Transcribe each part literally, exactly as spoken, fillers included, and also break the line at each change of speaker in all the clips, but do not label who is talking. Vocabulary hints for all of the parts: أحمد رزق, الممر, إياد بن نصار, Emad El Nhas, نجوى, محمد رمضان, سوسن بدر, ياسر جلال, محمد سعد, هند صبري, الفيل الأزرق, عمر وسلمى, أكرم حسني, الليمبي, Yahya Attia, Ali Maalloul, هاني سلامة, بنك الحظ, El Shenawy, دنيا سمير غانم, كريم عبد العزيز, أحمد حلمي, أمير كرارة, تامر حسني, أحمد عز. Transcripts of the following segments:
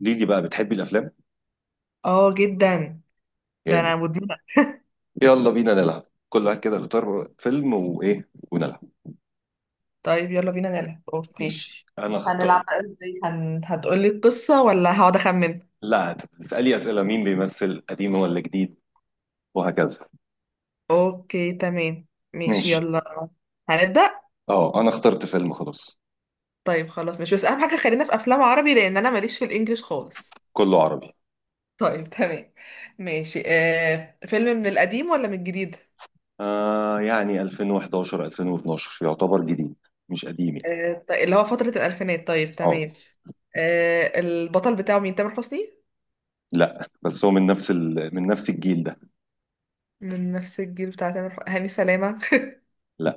قولي لي بقى بتحبي الافلام.
اه جدا. ده
جامد.
انا مدمنة.
يلا بينا نلعب، كل واحد كده اختار فيلم وايه ونلعب.
طيب يلا بينا نلعب. اوكي،
ماشي، انا اختار.
هنلعب بقى ازاي هن... هتقولي القصة ولا هقعد اخمن؟
لا، تسالي اسئله: مين بيمثل، قديم ولا جديد، وهكذا.
اوكي تمام، ماشي
ماشي.
يلا، هنبدأ.
اه انا اخترت فيلم، خلاص.
طيب خلاص، مش بس اهم حاجة خلينا في افلام عربي لان انا ماليش في الانجليش خالص.
كله عربي.
طيب تمام ماشي. آه... فيلم من القديم ولا من الجديد؟
آه يعني ألفين وحداشر ألفين واتناشر يعتبر جديد، مش قديم يعني.
آه... ط- اللي هو فترة الالفينات، طيب تمام.
اه.
آه... البطل بتاعه مين، تامر حسني؟
لا، بس هو من نفس ال... من نفس الجيل ده.
من نفس الجيل بتاع تامر حسني، هاني سلامة؟
لا.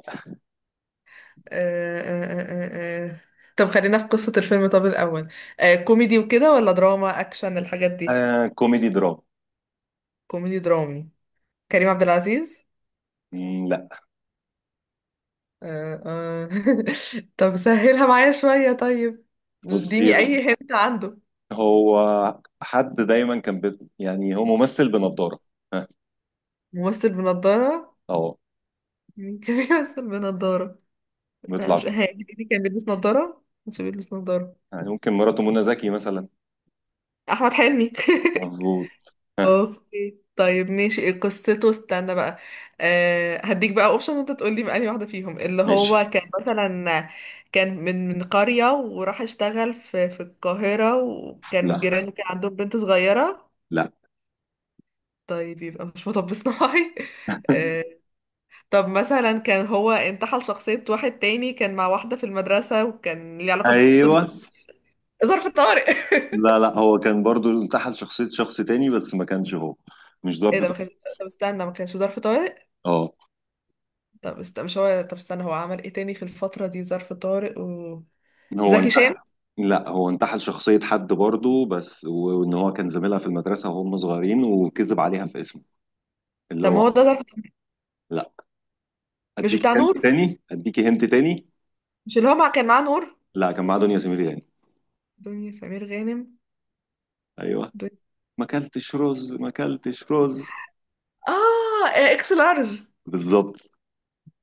آه، آه، آه، آه. آه، آه. طب خلينا في قصة الفيلم طب الأول. آه، كوميدي وكده ولا دراما أكشن الحاجات دي؟
آه كوميدي دراما.
كوميدي درامي. كريم عبد العزيز؟
مم، لا.
آه، آه. طب سهلها معايا شوية طيب،
بصي،
اديني أي هنت عنده.
هو حد دايما كان بي... يعني هو ممثل بنضارة آه،
ممثل بنضارة؟
اه،
مين كان بيمثل بنضارة؟ لا مش
بيطلع.
هادي، كان بيلبس نضارة مش بيلبس نضارة؟
يعني ممكن مراته منى زكي مثلا.
أحمد حلمي؟
مظبوط، ها.
اوكي طيب ماشي، إيه قصته؟ استنى بقى، أه هديك بقى اوبشن وانت تقول لي بقى أنهي واحده فيهم اللي
ماشي.
هو كان مثلا. كان من من قريه وراح اشتغل في في القاهره، وكان
لا
جيرانه كان عندهم بنت صغيره؟
لا
طيب يبقى مش مطب صناعي. أه. طب مثلا كان هو انتحل شخصيه واحد تاني، كان مع واحده في المدرسه وكان ليه علاقه بخطوط
ايوه.
الم- ظرف طارق؟
لا، لا هو كان برضو انتحل شخصية شخص تاني، بس ما كانش هو. مش
ايه ده
ظابط.
ما كانش؟ طب استنى، ما كانش ظرف طارق؟
اه،
طب است... مش هو، طب استنى، هو عمل ايه تاني في الفترة دي؟ ظرف طارق و
هو
زكي
انتحل.
شان؟
لا، هو انتحل شخصية حد برضو، بس وان هو كان زميلها في المدرسة وهم صغيرين وكذب عليها في اسمه، اللي
طب ما
هو.
هو ده ظرف طارق.
لا.
مش
اديكي
بتاع
هنت
نور؟
تاني، اديكي هنت تاني.
مش اللي هو مع... كان معاه نور؟
لا، كان معاه دنيا سمير غانم.
دنيا سمير غانم.
ايوه.
دنيا...
ما اكلتش رز، ما اكلتش رز.
اه، اكس لارج.
بالظبط.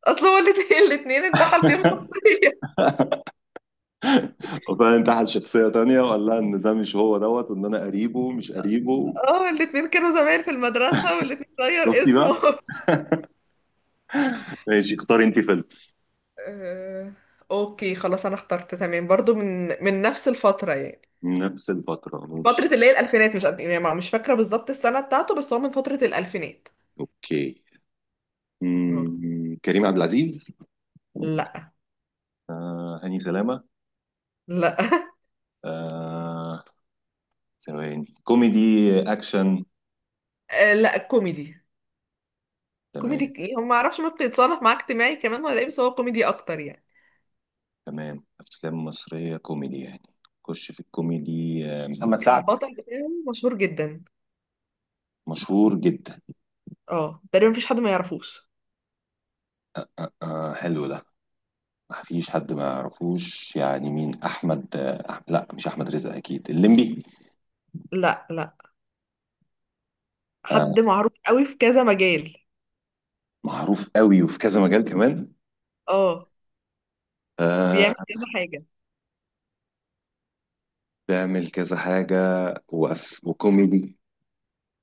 اصل هو الاتنين، الاتنين انتحل فيهم شخصية.
وفعلا تحت شخصية تانية وقال لها إن ده مش هو دوت، وإن أنا قريبه مش قريبه.
اه الاتنين كانوا زمايل في المدرسة والاتنين غير
شفتي بقى؟
اسمه.
ماشي، اختاري أنت فيلم.
آه، اوكي خلاص انا اخترت تمام، برضو من من نفس الفترة يعني.
نفس الفترة، ماشي.
فترة اللي هي الألفينات، مش قد- يعني مش فاكرة بالظبط السنة بتاعته، بس هو من فترة الألفينات.
أوكي.
أوكي.
مم. كريم عبد العزيز.
لا.
آه. هاني سلامة.
لا.
آه. ثواني. كوميدي أكشن.
آه لا، كوميدي. كوميدي
تمام.
ك- يعني ما اعرفش ممكن يتصنف معاه اجتماعي كمان ولا ايه، بس هو كوميدي اكتر يعني.
تمام، أفلام مصرية كوميدي يعني. خش في الكوميدي. آه. محمد سعد.
البطل بتاعه مشهور جدا.
مشهور جدا.
اه تقريبا مفيش حد ما يعرفوش.
آه. حلو ده. ما فيش حد ما يعرفوش يعني. مين؟ أحمد آه. أح- لا مش أحمد رزق أكيد. الليمبي.
لا، لا،
آه،
حد معروف قوي في كذا مجال.
معروف قوي وفي كذا مجال كمان.
اه،
آه،
بيعمل كذا حاجة.
بيعمل كذا حاجة. وأف- وكوميدي.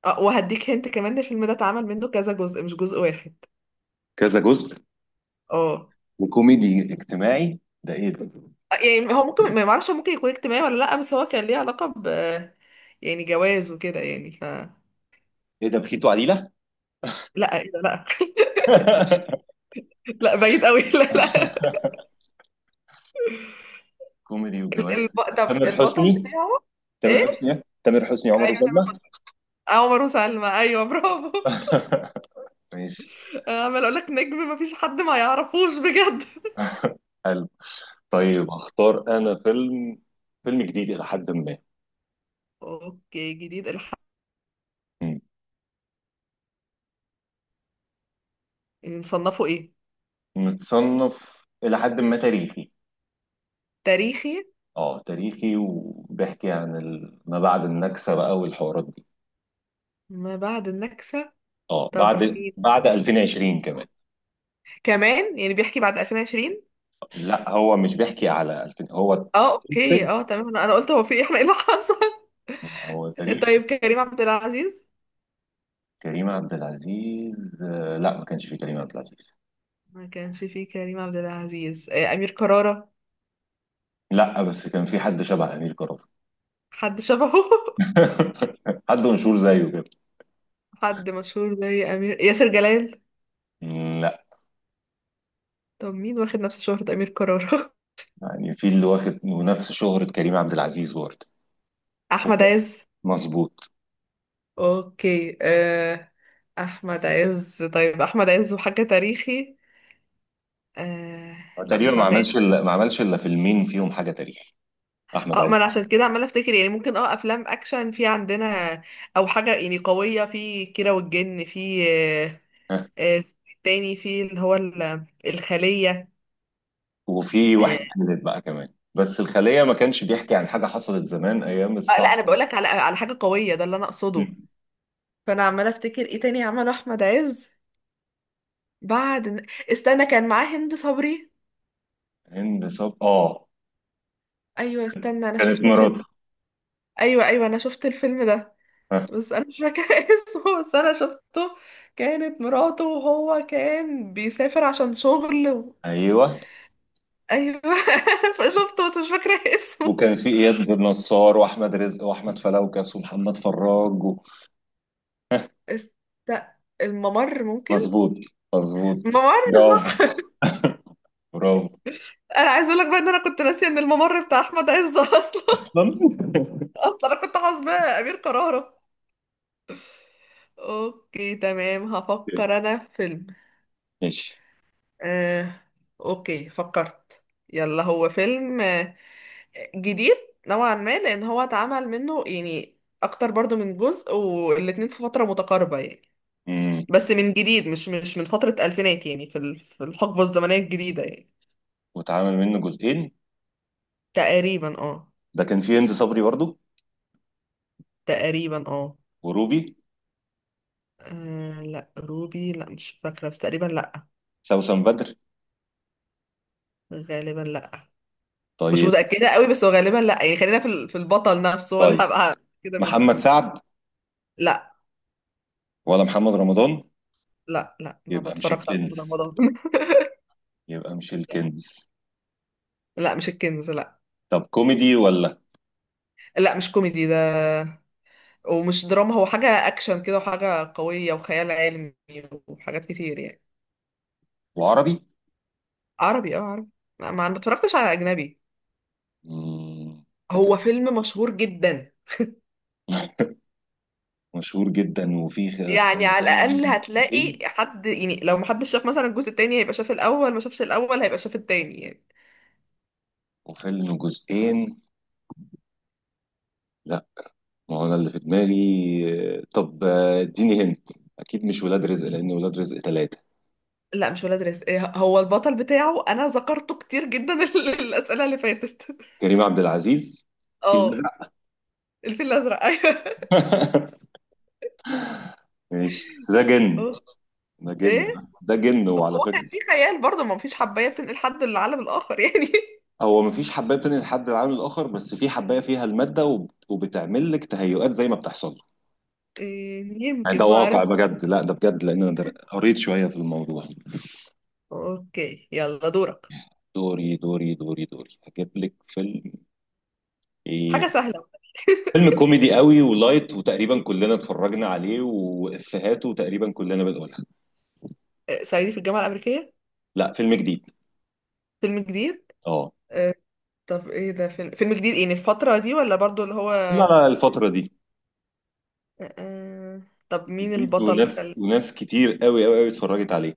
اه وهديك هنت كمان، الفيلم ده اتعمل منه كذا جزء، مش جزء واحد.
كذا جزء.
اه.
وكوميدي اجتماعي، ده ايه ده؟
يعني هو ممكن، ما معرفش، ممكن يكون اجتماعي ولا لا، بس هو كان ليه علاقة ب، يعني جواز وكده يعني ف.
ايه ده، بخيت وعديلة؟
لا إيه ده؟ لا. لا بعيد قوي. لا، لا.
كوميدي وجواز.
الب... طب
تامر
البطل
حسني.
بتاعه؟
تامر
ايه،
حسني إيه؟ تامر حسني، عمر
ايوه تامر
وسلمى.
حسني. أه، عمر وسلمى، ايوه برافو.
ماشي.
انا عمال اقول لك نجم ما فيش حد ما يعرفوش بجد.
حلو. طيب هختار انا فيلم. فيلم جديد الى حد ما.
اوكي جديد، الحق.
مم.
نصنفه ايه؟
متصنف الى حد ما تاريخي.
تاريخي.
اه تاريخي، وبيحكي عن ال... ما بعد النكسة بقى والحوارات دي.
ما بعد النكسة.
اه،
طب
بعد
مين؟
بعد ألفين وعشرين كمان.
كمان يعني بيحكي بعد ألفين وعشرين؟
لا، هو مش بيحكي على ألفين هو.
اه اوكي،
منتج.
اه تمام، انا أنا قلت هو في إيه؟ احنا ايه اللي حصل؟
هو تاريخ.
طيب كريم عبد العزيز.
كريم عبد العزيز. آه، لا ما كانش في كريم عبد العزيز.
ما كانش فيه كريم عبد العزيز. آه، امير كرارة.
لا، بس كان في حد شبه أمير كرارة.
حد شبهه؟
حد مشهور زيه كده.
حد مشهور زي امير، ياسر جلال؟
مم، لا.
طب مين واخد نفس شهرة أمير كرارة؟
يعني في اللي واخد ونفس شهرة كريم عبد العزيز برضه.
احمد عز.
مظبوط.
اوكي آه، احمد عز. طيب احمد عز وحاجة تاريخي؟ آه،
هو
لا
تقريبا
مش
ما
عارفة
عملش
ايه.
الا ما عملش الا فيلمين فيهم حاجة تاريخ. أحمد
اه ما
عز.
انا عشان كده عمالة افتكر، يعني ممكن اه افلام اكشن في عندنا، او حاجة يعني قوية في كيرة والجن في. آه، آه، تاني في اللي هو ال- الخلية.
وفي واحد
آه،
تالت بقى كمان. بس الخلية ما كانش بيحكي عن حاجة حصلت زمان أيام
آه، لا انا
الصعقة.
بقولك على على حاجة قوية ده اللي انا اقصده.
مم.
فانا عمالة افتكر ايه تاني عمله احمد عز بعد؟ استنى، كان معاه هند صبري.
هند صب، آه
ايوه، استنى، انا
كانت
شفت الفيلم.
مراته.
ايوه، ايوه، انا شفت الفيلم ده.
ها.
بس انا مش فاكره اسمه، بس انا شفته. كانت مراته، وهو كان بيسافر عشان شغل و.
أيوه،
ايوه. فشفته بس مش فاكره اسمه.
وكان في إياد بن نصار وأحمد رزق وأحمد فلوكس ومحمد فراج و...
است... الممر ممكن؟
مظبوط، مظبوط.
الممر.
برافو.
صح.
برافو.
انا عايزه اقول لك بقى ان انا كنت ناسيه ان الممر بتاع احمد عز اصلا.
أصلا.
اصلا انا كنت حاسباه امير كرارة. اوكي تمام، هفكر انا في فيلم.
ماشي.
آه... اوكي فكرت. يلا، هو فيلم جديد نوعا ما، لان هو اتعمل منه يعني اكتر برضو من جزء، والاتنين في فترة متقاربة يعني.
مم.
بس من جديد، مش مش من فترة الفينات يعني، في ال- في الحقبة الزمنية الجديدة يعني.
واتعمل منه جزئين.
تقريبا اه.
ده كان فيه هند صبري برضو،
تقريبا اه.
وروبي،
آه، لا روبي لا، مش فاكرة بس تقريبا لا.
سوسن بدر.
غالبا لا. مش
طيب.
متأكدة قوي بس هو غالبا لا، يعني خلينا في ال- في البطل نفسه هو اللي
طيب،
هبقى كده
محمد
منه.
سعد
لا.
ولا محمد رمضان.
لا، لا ما
يبقى مش
بتفرجش على
الكنز،
رمضان.
يبقى مش الكنز.
لا مش الكنز، لا.
طب كوميدي ولا.
لا مش كوميدي ده، ومش دراما، هو حاجة أكشن كده وحاجة قوية وخيال علمي وحاجات كتير يعني.
وعربي.
عربي اه، عربي. ما ما- ما اتفرجتش على أجنبي.
مم، ده كده.
هو فيلم مشهور جدا.
مشهور جدا، وفيه خ-
يعني
خلي بالك
على
منه.
الأقل هتلاقي
جزئين.
حد يعني، لو محدش شاف مثلا الجزء التاني هيبقى شاف الأول، ما شافش الأول هيبقى شاف التاني يعني.
وفيلم جزئين. لا. ما هو انا اللي في دماغي. طب، آه، اديني هنت. اكيد مش ولاد رزق، لان ولاد رزق ثلاثة.
لا مش ولاد رزق. إيه، هو البطل بتاعه أنا ذكرته كتير جدا الأسئلة اللي فاتت.
كريم عبد العزيز في
اه
الازرق.
الفيل الأزرق، أيوه.
ماشي، بس ده جن.
أوه.
ده جن ده
ايه.
ده جن وعلى
هو كان
فكرة.
في خيال برضه، ما فيش حباية بتنقل حد للعالم الآخر يعني؟
هو مفيش حباية بتنقل حد العالم الاخر، بس في حباية فيها المادة وب- وبتعمل لك تهيؤات زي ما بتحصل.
إيه،
يعني
يمكن
ده
ما
واقع
اعرف.
بجد؟ لا ده بجد، لان انا در- قريت شويه في الموضوع.
اوكي يلا دورك.
دوري دوري دوري دوري، هجيب لك فيلم. ايه،
حاجة سهلة.
فيلم كوميدي قوي ولايت وتقريبا كلنا اتفرجنا عليه، وافيهاته تقريبا كلنا بنقولها.
إيه، صعيدي في الجامعة الأمريكية؟
لا، فيلم جديد.
فيلم جديد.
اه.
إيه، طب ايه ده؟ فيلم فيلم جديد، ايه الفترة دي ولا برضو اللي هو
لا
آه،
لا، الفتره دي.
آه،؟ طب مين
جديد،
البطل؟
وناس
خل...
وناس كتير قوي قوي قوي اتفرجت عليه.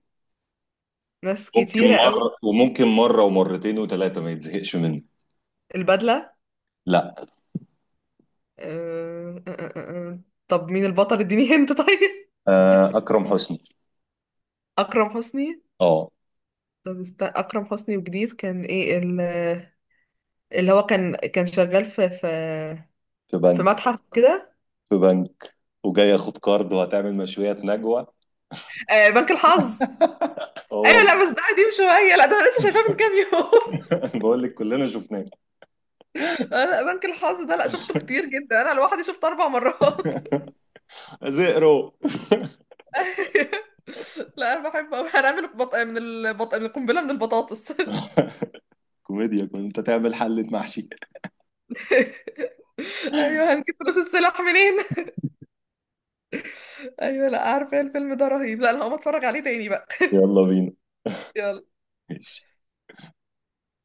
ناس
ممكن
كتيرة قوي؟
مره وممكن مره ومرتين وثلاثه ما يتزهقش منه.
البدلة؟
لا.
إيه، آه، آه، آه، آه. طب مين البطل اديني هنت طيب.
آه اكرم حسني.
أكرم حسني.
اه.
طب است... أكرم حسني وجديد، كان ايه ال- اللي هو كان كان شغال في في
في
في
بنك.
متحف كده؟
في بنك، وجاي ياخد كارد وهتعمل مشويات نجوى.
آه، بنك الحظ. ايوه
هو.
لا، بس ده قديم شويه، لا ده انا لسه شايفاه من كام يوم.
بقول لك كلنا شفناه.
انا بنك الحظ ده لا، شفته كتير جدا، انا لوحدي شفته اربع مرات.
زئرو.
لا انا بحب أوي. هنعمل بط... من البط... من القنبله، من البطاطس.
كوميديا كنت تعمل حلة محشي.
ايوه هنجيب فلوس السلاح منين. ايوه لا، عارفه إيه الفيلم ده رهيب، لا انا هقوم اتفرج عليه تاني بقى.
يلا بينا.
يلا.
ماشي.